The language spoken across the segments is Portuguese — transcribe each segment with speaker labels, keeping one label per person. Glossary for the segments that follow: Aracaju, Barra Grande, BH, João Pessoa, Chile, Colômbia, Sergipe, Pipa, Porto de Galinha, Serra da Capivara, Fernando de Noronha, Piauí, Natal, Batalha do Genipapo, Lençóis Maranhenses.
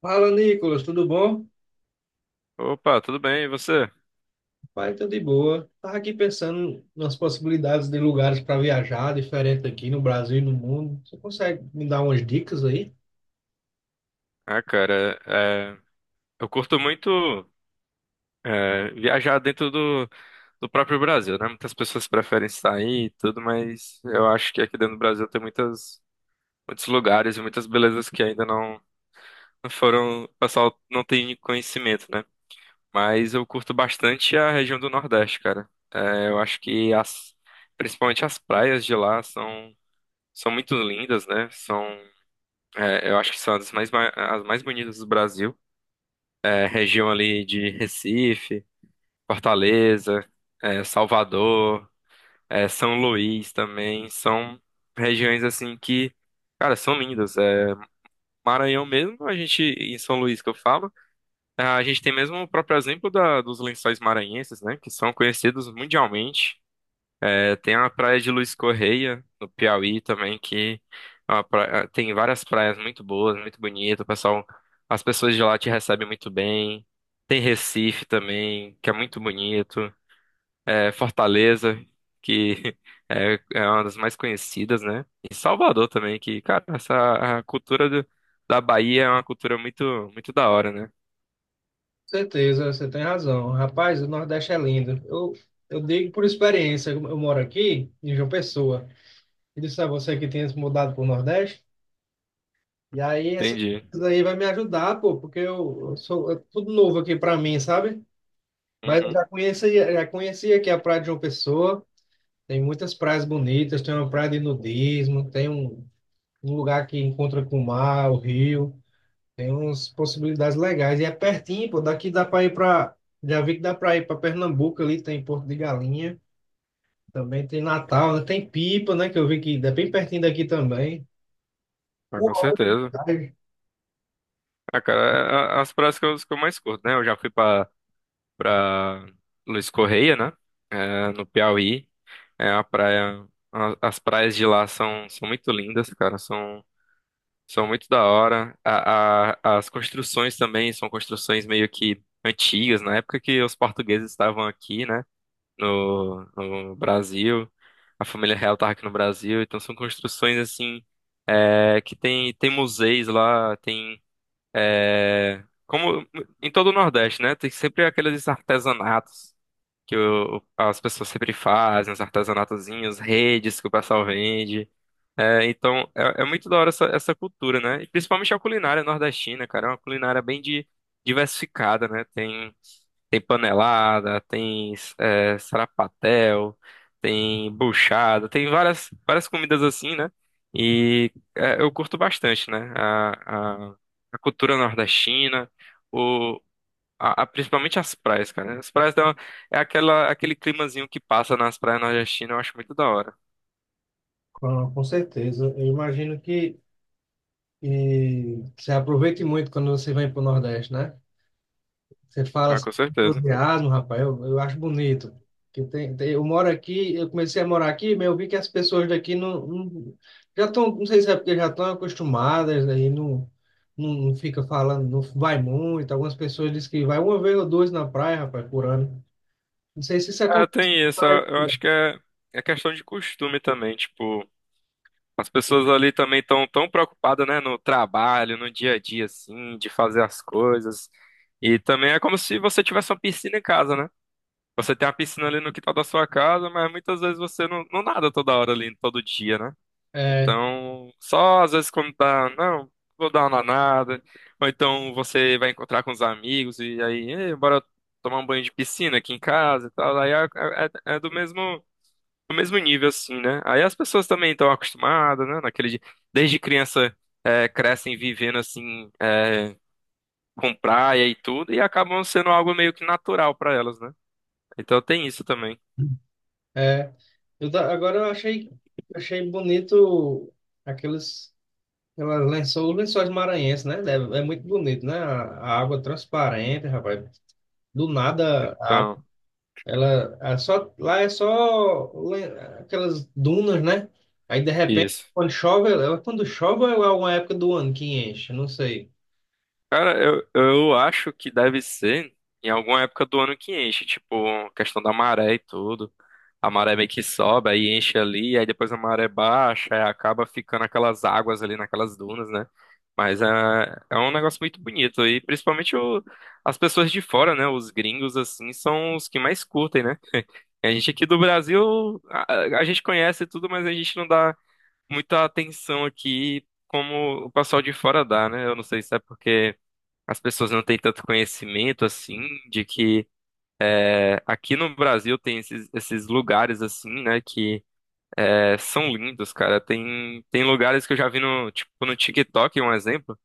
Speaker 1: Fala, Nicolas, tudo bom?
Speaker 2: Opa, tudo bem? E você?
Speaker 1: Pai, tudo de boa. Tava aqui pensando nas possibilidades de lugares para viajar, diferente aqui no Brasil e no mundo. Você consegue me dar umas dicas aí?
Speaker 2: Ah, cara, é, eu curto muito viajar dentro do próprio Brasil, né? Muitas pessoas preferem sair e tudo, mas eu acho que aqui dentro do Brasil muitos lugares e muitas belezas que ainda não, não foram, o pessoal não tem conhecimento, né? Mas eu curto bastante a região do Nordeste, cara. Eu acho que principalmente as praias de são muito lindas, né? Eu acho que são as mais bonitas do Brasil. A região ali de Recife, Fortaleza, Salvador, São Luís também, são regiões assim que, cara, são lindas. Maranhão mesmo, a gente, em São Luís que eu falo, a gente tem mesmo o próprio exemplo dos lençóis maranhenses, né, que são conhecidos mundialmente. É, tem a praia de Luiz Correia, no Piauí também, que tem várias praias muito boas, muito bonitas. As pessoas de lá te recebem muito bem. Tem Recife também, que é muito bonito. É, Fortaleza, que é uma das mais conhecidas, né? E Salvador também, que, cara, essa a cultura da Bahia é uma muito da hora, né?
Speaker 1: Certeza, você tem razão. Rapaz, o Nordeste é lindo. Eu digo por experiência, eu moro aqui em João Pessoa. E disse a você que tinha se mudado para o Nordeste. E aí, essa
Speaker 2: Entendi.
Speaker 1: coisa aí vai me ajudar, pô, porque eu sou é tudo novo aqui para mim, sabe? Mas eu
Speaker 2: Uhum.
Speaker 1: já conhecia aqui a Praia de João Pessoa. Tem muitas praias bonitas, tem uma praia de nudismo, um lugar que encontra com o mar, o rio, tem umas possibilidades legais. E é pertinho, pô, daqui dá para ir para. Já vi que dá para ir para Pernambuco ali, tem Porto de Galinha, também tem Natal, né? Tem Pipa, né? Que eu vi que é bem pertinho daqui também.
Speaker 2: Ah, com
Speaker 1: Uma hora de
Speaker 2: certeza.
Speaker 1: viagem.
Speaker 2: Ah, cara, as praias que eu mais curto, né? Eu já fui pra para Luiz Correia, né? É, no Piauí. É a praia. As praias de são muito lindas, cara. São muito da hora. As construções também são construções meio que antigas, na época que os portugueses estavam aqui, né? No Brasil. A família real estava aqui no Brasil. Então são construções assim. Tem museus lá, tem. Como em todo o Nordeste, né? Tem sempre aqueles artesanatos que as pessoas sempre fazem, os artesanatozinhos, redes que o pessoal vende. É, então, é muito da hora essa cultura, né? E principalmente a culinária nordestina, cara. É uma culinária bem diversificada, né? Tem panelada, tem sarapatel, tem buchada, tem várias comidas assim, né? E é, eu curto bastante, né? A cultura nordestina principalmente as praias, cara. As praias, é aquele climazinho que passa nas praias nordestinas, eu acho muito da hora.
Speaker 1: Com certeza. Eu imagino que você aproveite muito quando você vem para o Nordeste, né? Você fala
Speaker 2: Ah,
Speaker 1: assim,
Speaker 2: com certeza.
Speaker 1: entusiasmo, rapaz, eu acho bonito. Que eu moro aqui, eu comecei a morar aqui, mas eu vi que as pessoas daqui já estão, não sei se é porque já estão acostumadas, aí não fica falando, não vai muito. Algumas pessoas dizem que vai uma vez ou duas na praia, rapaz, por ano. Não sei se isso
Speaker 2: Ah,
Speaker 1: acontece.
Speaker 2: tem isso. Eu acho que é questão de costume também. Tipo, as pessoas ali também estão tão preocupadas, né, no trabalho, no dia a dia, assim, de fazer as coisas. E também é como se você tivesse uma piscina em casa, né? Você tem a piscina ali no quintal da sua casa, mas muitas vezes você não nada toda hora ali, todo dia, né?
Speaker 1: É,
Speaker 2: Então, só às vezes quando tá, não, vou dar uma danada. Ou então você vai encontrar com os amigos e aí, "Ei, bora tomar um banho de piscina aqui em casa e tal. Aí é do do mesmo nível, assim, né? Aí as pessoas também estão acostumadas, né? Desde criança crescem vivendo assim, com praia e tudo, e acabam sendo algo meio que natural para elas, né? Então tem isso também.
Speaker 1: é. Agora eu achei bonito aqueles, aquelas lençóis, lençóis maranhenses, né? Deve- é, muito bonito, né? A água transparente, rapaz. Do nada,
Speaker 2: Então,
Speaker 1: ela é só, lá é só le- aquelas dunas, né? Aí de repente,
Speaker 2: isso.
Speaker 1: quando chove, quando chove ou é uma época do ano que enche, não sei.
Speaker 2: Cara, eu acho que deve ser em alguma época do ano que enche, tipo, questão da maré e tudo. A maré meio que sobe, aí enche ali, aí depois a maré baixa, aí acaba ficando aquelas águas ali naquelas dunas, né? Mas é um negócio muito bonito, e principalmente as pessoas de fora, né? Os gringos, assim, são os que mais curtem, né? A gente aqui do Brasil, a gente conhece tudo, mas a gente não dá muita atenção aqui como o pessoal de fora dá, né? Eu não sei se é porque as pessoas não têm tanto conhecimento assim de que aqui no Brasil tem esses lugares assim, né, que são lindos, cara. Tem lugares que eu já vi no tipo no TikTok, um exemplo,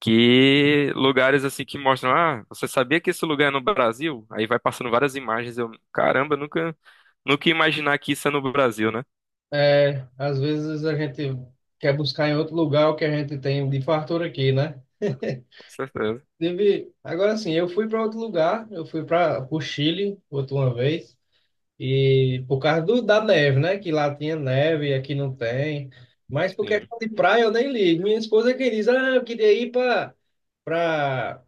Speaker 2: que lugares assim que mostram, ah, você sabia que esse lugar é no Brasil? Aí vai passando várias imagens, eu, caramba, nunca ia imaginar que isso é no Brasil, né?
Speaker 1: É, às vezes a gente quer buscar em outro lugar o que a gente tem de fartura aqui, né?
Speaker 2: Com certeza.
Speaker 1: Teve, agora sim, eu fui para outro lugar, eu fui para o Chile outra uma vez. E por causa da neve, né? Que lá tinha neve e aqui não tem. Mas por
Speaker 2: Sim.
Speaker 1: questão de praia eu nem ligo. Minha esposa que diz, ah, eu queria ir para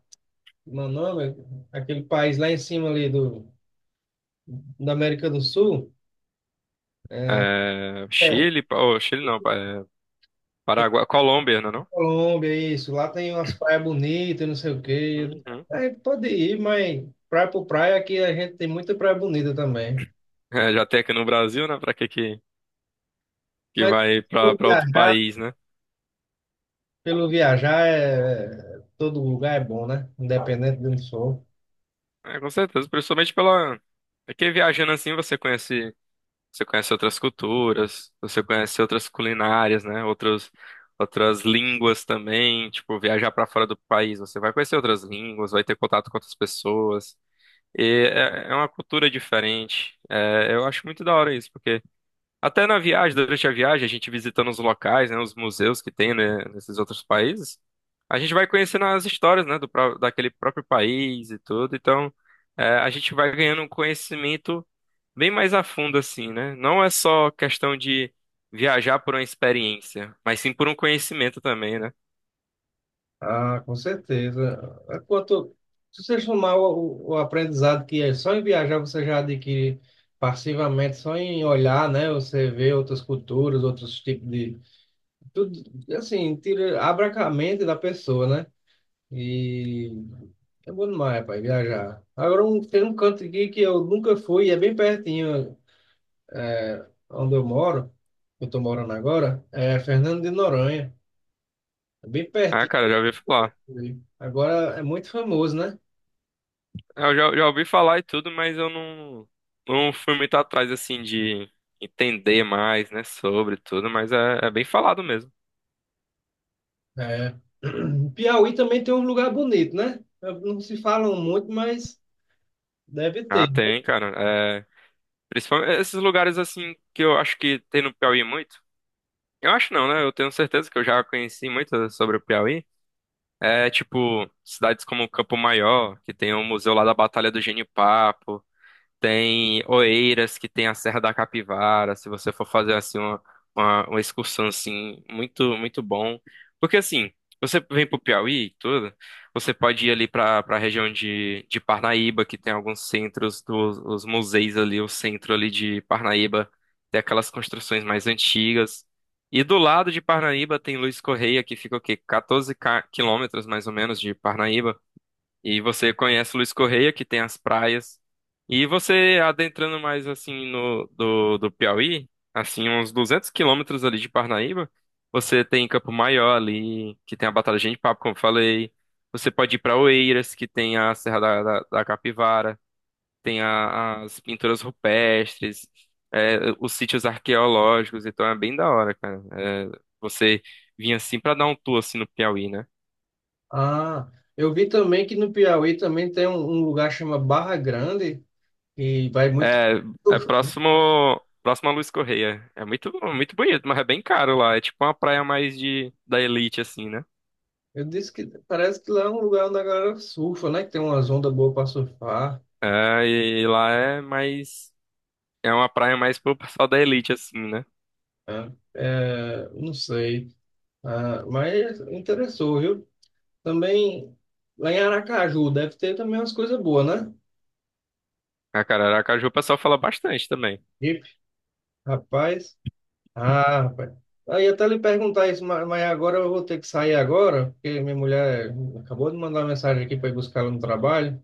Speaker 1: meu nome, aquele país lá em cima ali do da América do Sul, é,
Speaker 2: É,
Speaker 1: é,
Speaker 2: Chile, oh, Chile não, é, Paraguai, Colômbia, não é não?
Speaker 1: Colômbia, isso. Lá tem umas praias bonitas, não sei o quê.
Speaker 2: Uhum.
Speaker 1: "É, pode ir, mas praia por praia aqui a gente tem muita praia bonita também.
Speaker 2: É, já tem aqui no Brasil, né? Pra que que
Speaker 1: Mas
Speaker 2: vai pra
Speaker 1: pelo
Speaker 2: pra outro
Speaker 1: viajar,
Speaker 2: país, né?
Speaker 1: pelo viajar é, todo lugar é bom, né? Independente de onde for.
Speaker 2: É, com certeza, principalmente pela. É que viajando assim você você conhece outras culturas, você conhece outras culinárias, né? Outras línguas também. Tipo, viajar pra fora do país, você vai conhecer outras línguas, vai ter contato com outras pessoas. É uma cultura diferente. É, eu acho muito da hora isso, porque até na viagem, durante a viagem, a gente visitando os locais, né, os museus que tem, né, nesses outros países, a gente vai conhecendo as histórias, né, daquele próprio país e tudo. Então, a gente vai ganhando um conhecimento bem mais a fundo, assim, né? Não é só questão de viajar por uma experiência, mas sim por um conhecimento também, né?
Speaker 1: Ah, com certeza. É. Quanto, se você somar o aprendizado que é só em viajar você já adquire passivamente, só em olhar, né? Você vê outras culturas, outros tipos de... Tudo, assim, tira, abre a mente da pessoa, né? E é bom demais, pai, viajar. Agora, um, tem um canto aqui que eu nunca fui, e é bem pertinho, é, onde eu moro, eu tô morando agora, é Fernando de Noronha. É bem
Speaker 2: Ah,
Speaker 1: pertinho.
Speaker 2: cara, eu já ouvi falar.
Speaker 1: Agora é muito famoso, né?
Speaker 2: Já ouvi falar e tudo, mas eu não fui muito atrás, assim, de entender mais, né, sobre tudo, mas é bem falado mesmo.
Speaker 1: É. Piauí também tem um lugar bonito, né? Não se falam muito, mas deve
Speaker 2: Ah,
Speaker 1: ter, né?
Speaker 2: tem, cara. É, principalmente esses lugares assim que eu acho que tem no Piauí muito. Eu acho não, né? Eu tenho certeza que eu já conheci muito sobre o Piauí. É tipo cidades como Campo Maior, que tem o museu lá da Batalha do Genipapo. Tem Oeiras, que tem a Serra da Capivara, se você for fazer assim uma excursão assim, muito bom. Porque assim, você vem pro Piauí e tudo, você pode ir ali pra para região de Parnaíba, que tem alguns centros dos os museus ali, o centro ali de Parnaíba, tem aquelas construções mais antigas. E do lado de Parnaíba tem Luiz Correia, que fica o quê? 14 quilômetros mais ou menos de Parnaíba. E você conhece Luiz Correia, que tem as praias. E você adentrando mais assim no do Piauí, assim, uns 200 quilômetros ali de Parnaíba, você tem Campo Maior ali, que tem a Batalha de Papo, como eu falei. Você pode ir para Oeiras, que tem a Serra da Capivara, tem as pinturas rupestres, é, os sítios arqueológicos, então é bem da hora, cara. É, você vir assim para dar um tour assim no Piauí, né?
Speaker 1: Ah, eu vi também que no Piauí também tem um lugar chamado Barra Grande, e vai muito.
Speaker 2: É, é próximo a Luiz Correia. É muito, muito bonito, mas é bem caro lá. É tipo uma praia mais da elite, assim, né?
Speaker 1: Eu disse que parece que lá é um lugar onde a galera surfa, né? Que tem umas ondas boas para surfar,
Speaker 2: É, e lá é mais. É uma praia mais pro pessoal da elite, assim, né?
Speaker 1: né? É, não sei. Ah, mas interessou, viu? Também lá em Aracaju deve ter também umas coisas boas, né?
Speaker 2: A cara, Aracaju o pessoal fala bastante também.
Speaker 1: Ipe, rapaz. Ah, rapaz. Aí até lhe perguntar isso, ma- mas agora eu vou ter que sair agora, porque minha mulher acabou de mandar mensagem aqui para ir buscar ela no trabalho.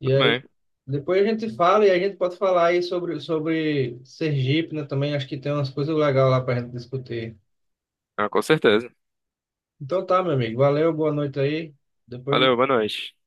Speaker 1: E
Speaker 2: Tudo
Speaker 1: aí
Speaker 2: bem.
Speaker 1: depois a gente fala e a gente pode falar aí sobre, sobre Sergipe, né? Também acho que tem umas coisas legais lá para a gente discutir.
Speaker 2: Ah, com certeza.
Speaker 1: Então tá, meu amigo. Valeu, boa noite aí. Depois
Speaker 2: Valeu,
Speaker 1: eu
Speaker 2: boa noite.